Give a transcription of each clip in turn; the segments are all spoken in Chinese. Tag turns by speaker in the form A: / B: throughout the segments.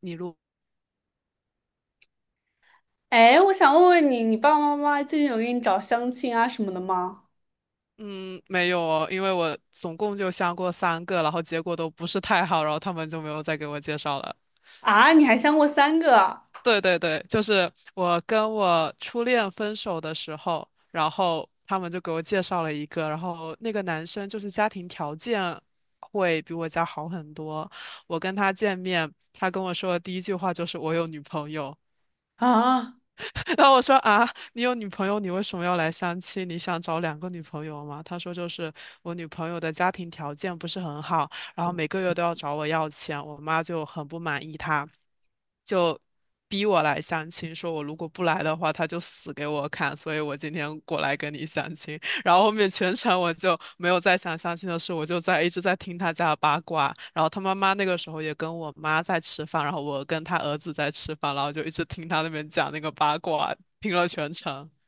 A: 你录，
B: 哎，我想问问你，你爸爸妈妈最近有给你找相亲啊什么的吗？
A: 嗯，没有哦，因为我总共就相过三个，然后结果都不是太好，然后他们就没有再给我介绍了。
B: 啊，你还相过三个啊？
A: 对对对，就是我跟我初恋分手的时候，然后他们就给我介绍了一个，然后那个男生就是家庭条件会比我家好很多。我跟他见面，他跟我说的第一句话就是我有女朋友，
B: 啊
A: 然后我说啊，你有女朋友，你为什么要来相亲？你想找两个女朋友吗？他说就是我女朋友的家庭条件不是很好，然后每个月都要找我要钱，我妈就很不满意她。就逼我来相亲，说我如果不来的话，他就死给我看，所以我今天过来跟你相亲。然后后面全程我就没有再想相亲的事，我就在一直在听他家的八卦。然后他妈妈那个时候也跟我妈在吃饭，然后我跟他儿子在吃饭，然后就一直听他那边讲那个八卦，听了全程。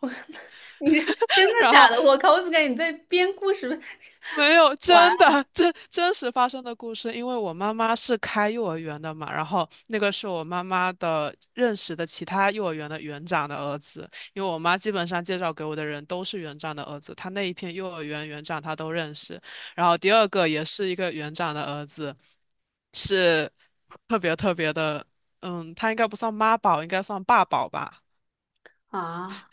B: 我，你这真的
A: 然
B: 假
A: 后
B: 的？我靠，我怎么感觉你在编故事
A: 没有，
B: 玩
A: 真的，真实发生的故事。因为我妈妈是开幼儿园的嘛，然后那个是我妈妈的认识的其他幼儿园的园长的儿子。因为我妈基本上介绍给我的人都是园长的儿子，她那一片幼儿园园长她都认识。然后第二个也是一个园长的儿子，是特别特别的，嗯，他应该不算妈宝，应该算爸宝吧。
B: 啊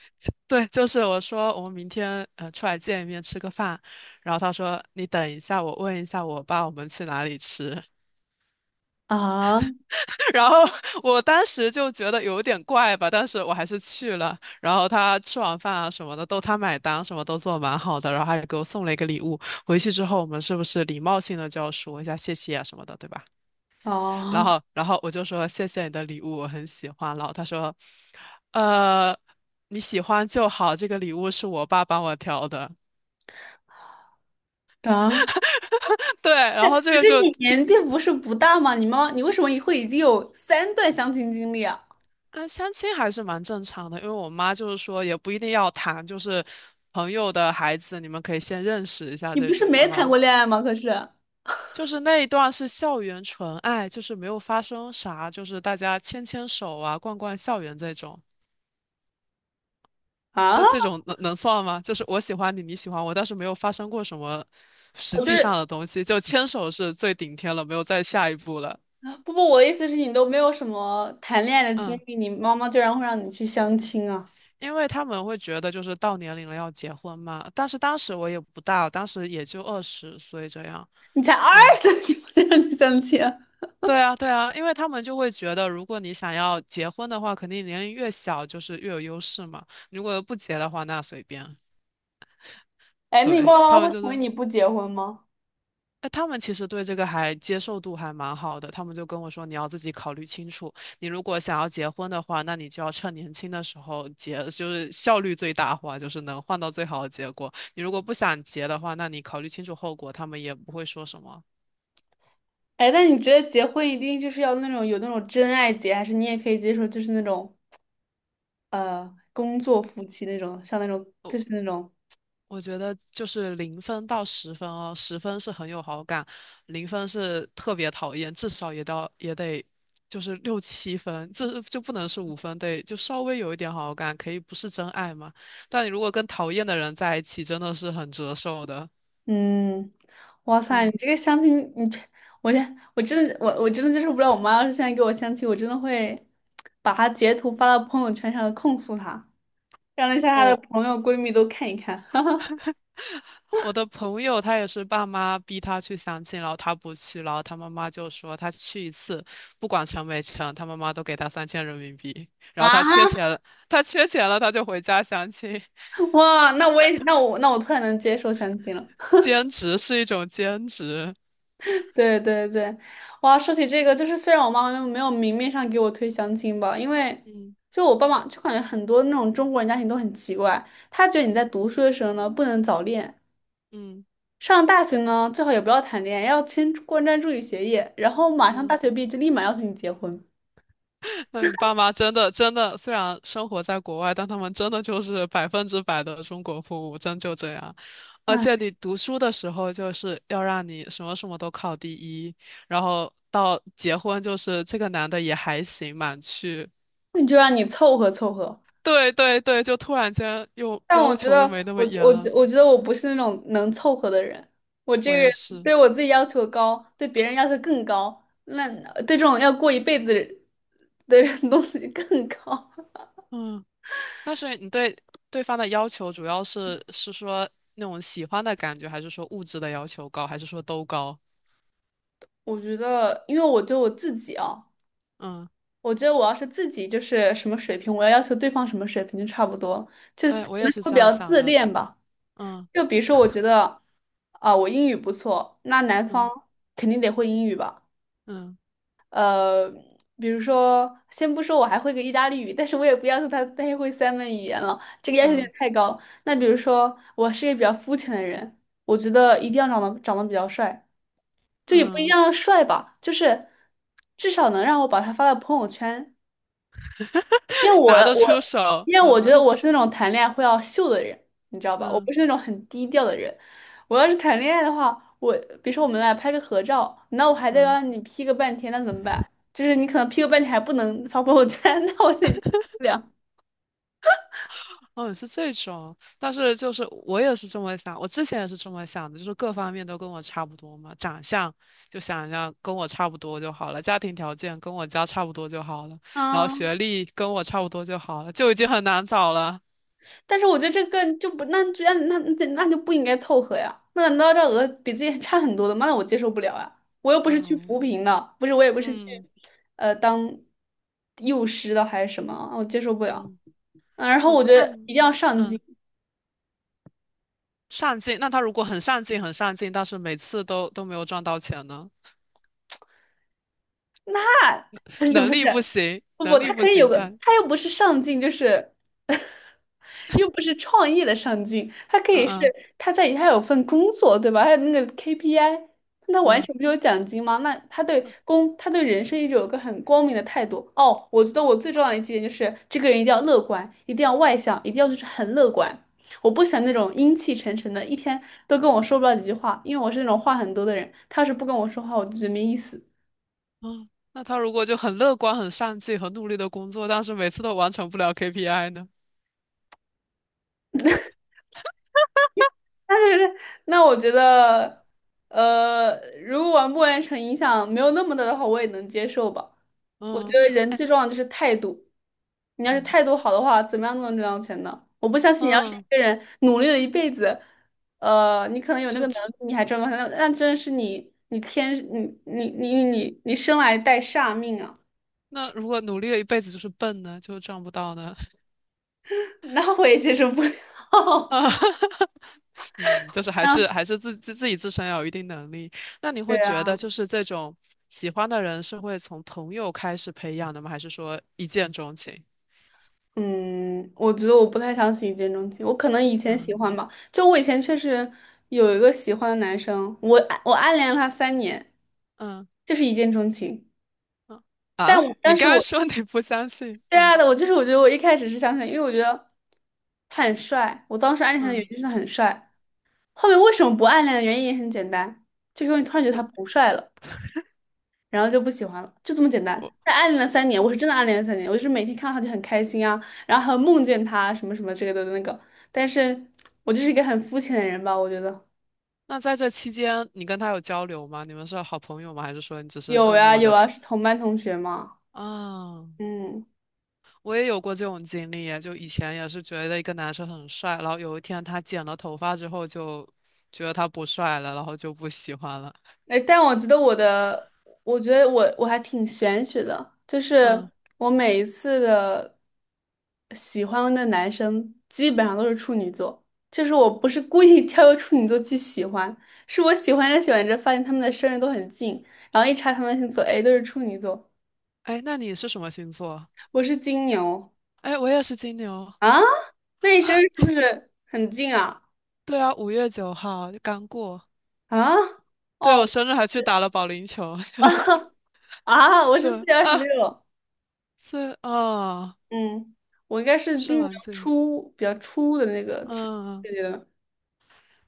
A: 对，就是我说我们明天出来见一面吃个饭，然后他说你等一下，我问一下我爸我们去哪里吃，
B: 啊啊
A: 然后我当时就觉得有点怪吧，但是我还是去了，然后他吃完饭啊什么的都他买单，什么都做得蛮好的，然后还给我送了一个礼物，回去之后我们是不是礼貌性的就要说一下谢谢啊什么的，对吧？然
B: 啊！
A: 后然后我就说谢谢你的礼物，我很喜欢，然后他说，呃。你喜欢就好，这个礼物是我爸帮我挑的。
B: 啊，
A: 对，然后这
B: 可
A: 个
B: 是
A: 就
B: 你
A: 第，
B: 年纪不是不大吗？你妈妈，你为什么会已经有三段相亲经历啊？
A: 嗯，相亲还是蛮正常的，因为我妈就是说也不一定要谈，就是朋友的孩子，你们可以先认识一下
B: 你
A: 这
B: 不是
A: 种
B: 没
A: 嘛。
B: 谈过恋爱吗？可是
A: 就是那一段是校园纯爱，就是没有发生啥，就是大家牵牵手啊，逛逛校园这种，
B: 啊，
A: 这种能算吗？就是我喜欢你，你喜欢我，但是没有发生过什么实
B: 我就
A: 际
B: 是
A: 上的东西，就牵手是最顶天了，没有再下一步了。
B: 不不，我的意思是你都没有什么谈恋爱的经
A: 嗯。
B: 历，你妈妈居然会让你去相亲啊？
A: 因为他们会觉得就是到年龄了要结婚嘛，但是当时我也不大，当时也就二十岁这样。
B: 你才二
A: 嗯，
B: 十，你不就让你相亲？哎，
A: 对啊，对啊，因为他们就会觉得，如果你想要结婚的话，肯定年龄越小就是越有优势嘛。如果不结的话，那随便。
B: 那你
A: 对，
B: 爸爸妈
A: 他
B: 妈
A: 们
B: 会
A: 就
B: 同意
A: 是
B: 你不结婚吗？
A: 哎，他们其实对这个还接受度还蛮好的，他们就跟我说，你要自己考虑清楚，你如果想要结婚的话，那你就要趁年轻的时候结，就是效率最大化，就是能换到最好的结果。你如果不想结的话，那你考虑清楚后果，他们也不会说什么。
B: 哎，那你觉得结婚一定就是要那种有那种真爱结，还是你也可以接受就是那种工作夫妻那种，像那种就是那种。
A: 我觉得就是零分到十分哦，十分是很有好感，零分是特别讨厌，至少也到也得就是六七分，这就不能是五分，得就稍微有一点好感，可以不是真爱嘛。但你如果跟讨厌的人在一起，真的是很折寿的。
B: 嗯，哇塞，你
A: 嗯，
B: 这个相亲，你这我这我真的接受不了，我妈要是现在给我相亲，我真的会把她截图发到朋友圈上控诉她，让那些她的
A: 我
B: 朋友闺蜜都看一看，哈哈。
A: 我的朋友他也是爸妈逼他去相亲，然后他不去，然后他妈妈就说他去一次，不管成没成，他妈妈都给他三千人民币，然后他
B: 啊，
A: 缺钱了，他缺钱了，他就回家相亲。
B: 哇，那我也那我那我突然能接受相亲了。
A: 兼职是一种兼职。
B: 对对对，哇，说起这个，就是虽然我妈妈没有明面上给我推相亲吧，
A: 嗯
B: 就我爸妈就感觉很多那种中国人家庭都很奇怪，他觉得你在
A: 嗯
B: 读书的时候呢不能早恋，
A: 嗯
B: 上大学呢最好也不要谈恋爱，要先关专注于学业，然后马上大
A: 嗯，
B: 学毕业就立马要求你结婚，
A: 那你爸妈真的真的，虽然生活在国外，但他们真的就是百分之百的中国父母，真就这样。而且你读书的时候，就是要让你什么什么都考第一，然后到结婚，就是这个男的也还行，满去。
B: 你就让你凑合凑合。
A: 对对对，就突然间又
B: 但我
A: 要
B: 觉
A: 求
B: 得，
A: 又没那么
B: 我
A: 严
B: 我觉
A: 了。
B: 我觉得我不是那种能凑合的人。我这
A: 我
B: 个
A: 也
B: 人
A: 是，
B: 对我自己要求高，对别人要求更高，那对这种要过一辈子的人东西更高。
A: 嗯。但是你对对方的要求主要是说那种喜欢的感觉，还是说物质的要求高，还是说都高？
B: 我觉得，因为我对我自己啊，
A: 嗯，
B: 我觉得我要是自己就是什么水平，我要要求对方什么水平就差不多，就是
A: 哎，
B: 可
A: 我也
B: 能
A: 是
B: 会
A: 这
B: 比
A: 样
B: 较
A: 想
B: 自
A: 的。
B: 恋吧。
A: 嗯
B: 就比如说，我觉得啊，我英语不错，那男方
A: 嗯
B: 肯定得会英语吧。
A: 嗯
B: 比如说，先不说我还会个意大利语，但是我也不要求他太会三门语言了，这个要求有
A: 嗯
B: 点太高了。那比如说，我是一个比较肤浅的人，我觉得一定要长得比较帅，就也不一定
A: 嗯，
B: 要帅吧，就是至少能让我把他发到朋友圈。因为 我
A: 拿得出
B: 我
A: 手。
B: 因为我
A: 嗯
B: 觉得我是那种谈恋爱会要秀的人，你知道吧？我不
A: 嗯
B: 是那种很低调的人。我要是谈恋爱的话，比如说我们俩拍个合照，那我还得
A: 嗯，
B: 让你 P 个半天，那怎么办？就是你可能 P 个半天还不能发朋友圈，那我得不了。
A: 哦，是这种。但是就是我也是这么想，我之前也是这么想的，就是各方面都跟我差不多嘛，长相就想要跟我差不多就好了，家庭条件跟我家差不多就好了，然后
B: 嗯，
A: 学历跟我差不多就好了，就已经很难找了。
B: 但是我觉得这个就不，那就那那那那就不应该凑合呀。那难道这比自己差很多的吗？那我接受不了啊！我又不是去
A: 嗯
B: 扶贫的，不是我也不是去
A: 嗯
B: 当幼师的还是什么，我接受不了。
A: 嗯
B: 然后
A: 嗯，
B: 我觉
A: 那
B: 得
A: 你
B: 一定要上进。
A: 嗯上进，那他如果很上进很上进，但是每次都都没有赚到钱呢？
B: 不是不
A: 能
B: 是，
A: 力不行，
B: 不
A: 能
B: 不，
A: 力
B: 他
A: 不
B: 可以有
A: 行，
B: 个，
A: 对，
B: 他又不是上进，就是 又不是创业的上进，他可
A: 嗯
B: 以是
A: 嗯
B: 他在他有份工作，对吧？还有那个 KPI,那他完
A: 嗯
B: 全不就有奖金吗？那他对人生一直有个很光明的态度。哦，我觉得我最重要的一点就是这个人一定要乐观，一定要外向，一定要就是很乐观。我不喜欢那种阴气沉沉的，一天都跟我说不了几句话，因为我是那种话很多的人，他要是不跟我说话，我就觉得没意思。
A: 嗯，那他如果就很乐观很上进很努力的工作，但是每次都完成不了 KPI 呢？
B: 但是，那我觉得，呃，如果完不完成影响没有那么大的话，我也能接受吧。我
A: 嗯，
B: 觉得人
A: 哎
B: 最重要的就是态度，你要是
A: 嗯
B: 态度好的话，怎么样都能赚到钱的。我不相信你要是一
A: 嗯，
B: 个人努力了一辈子，你可能有那个能
A: 就
B: 力，你还赚不到钱，那真的是你你天你你你你你生来带煞命啊，
A: 那如果努力了一辈子就是笨呢，就赚不到呢？
B: 那我也接受不了。
A: 啊，嗯，就是还是
B: 啊
A: 还是自身要有一定能力。那你
B: 对
A: 会觉
B: 啊。
A: 得就是这种喜欢的人是会从朋友开始培养的吗？还是说一见钟情？
B: 嗯，我觉得我不太相信一见钟情，我可能以前喜
A: 嗯
B: 欢吧，就我以前确实有一个喜欢的男生，我暗恋了他三年，
A: 嗯
B: 就是一见钟情，
A: 嗯啊！
B: 但
A: 你
B: 是
A: 刚才
B: 我，
A: 说你不相信，
B: 对
A: 嗯
B: 啊的，我就是我觉得我一开始是相信，因为我觉得他很帅，我当时暗恋他的原因
A: 嗯，
B: 就是他很帅，后面为什么不暗恋的原因也很简单，就是因为突然觉得
A: 对，
B: 他不帅了。然后就不喜欢了，就这么简单。
A: 我
B: 但暗恋了三年，我是真的暗恋了三年，我就是每天看到他就很开心啊，然后还有梦见他什么什么之类的那个。但是我就是一个很肤浅的人吧，我觉得
A: 那在这期间你跟他有交流吗？你们是好朋友吗？还是说你只是
B: 有
A: 默
B: 呀
A: 默
B: 有
A: 的
B: 啊，是同班同学嘛，
A: 啊？
B: 嗯。
A: 我也有过这种经历耶，就以前也是觉得一个男生很帅，然后有一天他剪了头发之后，就觉得他不帅了，然后就不喜欢了。
B: 哎，但我觉得我的，我觉得我还挺玄学的，就是
A: 嗯，
B: 我每一次的喜欢的男生基本上都是处女座，就是我不是故意 挑个处女座去喜欢，是我喜欢着喜欢着发现他们的生日都很近，然后一查他们的星座，哎，都是处女座，
A: 哎，那你是什么星座？
B: 我是金牛
A: 哎，我也是金牛
B: 啊，那你生日
A: 啊。
B: 是不
A: 切
B: 是很近啊？
A: 对啊，五月九号刚过。
B: 啊，
A: 对，
B: 哦，
A: 我生日还去打了保龄球。
B: 啊，我是四
A: 对
B: 月二十
A: 啊，
B: 六。
A: 是啊，哦
B: 嗯，我应该是
A: 是
B: 今年
A: 蛮近。
B: 初比较初的那个初
A: 嗯，
B: 季的，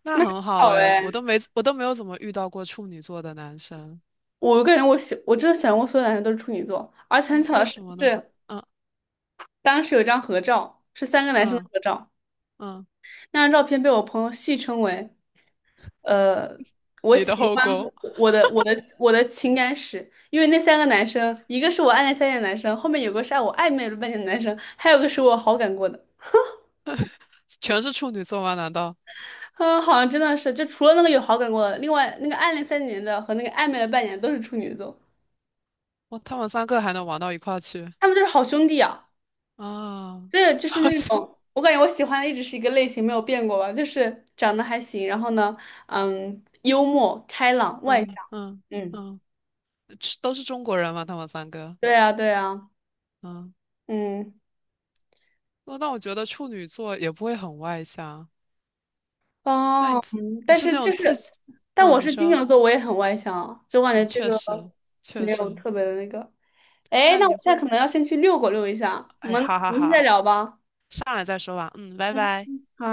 A: 那很好
B: 巧
A: 哎，
B: 哎。
A: 我都没有怎么遇到过处女座的男生。
B: 我感觉我喜，我真的喜欢过所有男生都是处女座，而且很
A: 哎，
B: 巧的
A: 为
B: 是，
A: 什么
B: 就
A: 呢？
B: 是
A: 嗯
B: 当时有一张合照，是三个男生的
A: 嗯
B: 合照，
A: 嗯，
B: 那张照片被我朋友戏称为。呃，我
A: 你的
B: 喜
A: 后
B: 欢
A: 宫。
B: 我的我的我的情感史，因为那三个男生，一个是我暗恋三年的男生，后面有个是啊我暧昧了半年的男生，还有个是我好感过的。
A: 全是处女座吗？难道
B: 嗯，好像真的是，就除了那个有好感过的，另外那个暗恋三年的和那个暧昧了半年都是处女座，
A: 哇？他们三个还能玩到一块儿去
B: 他们就是好兄弟啊。
A: 啊？
B: 对，就是
A: 好
B: 那
A: 像，
B: 种，我感觉我喜欢的一直是一个类型，没有变过吧，就是长得还行，然后呢，嗯，幽默、开朗、外向。
A: 嗯嗯
B: 嗯，
A: 嗯，是都是中国人吗？他们三个，
B: 对啊，对啊，
A: 嗯，
B: 嗯，
A: 那那我觉得处女座也不会很外向。那你
B: 哦，
A: 自你是那种自己，
B: 但我
A: 嗯，你
B: 是金
A: 说，
B: 牛座，我也很外向啊，就我感觉
A: 嗯，
B: 这
A: 确
B: 个
A: 实确
B: 没有
A: 实，
B: 特别的那个。哎，
A: 那
B: 那我
A: 你
B: 现在
A: 会，
B: 可能要先去遛狗遛一下，我
A: 哎，
B: 们
A: 哈哈
B: 明天再
A: 哈，
B: 聊吧。
A: 上来再说吧，嗯，拜
B: 嗯，
A: 拜。
B: 好。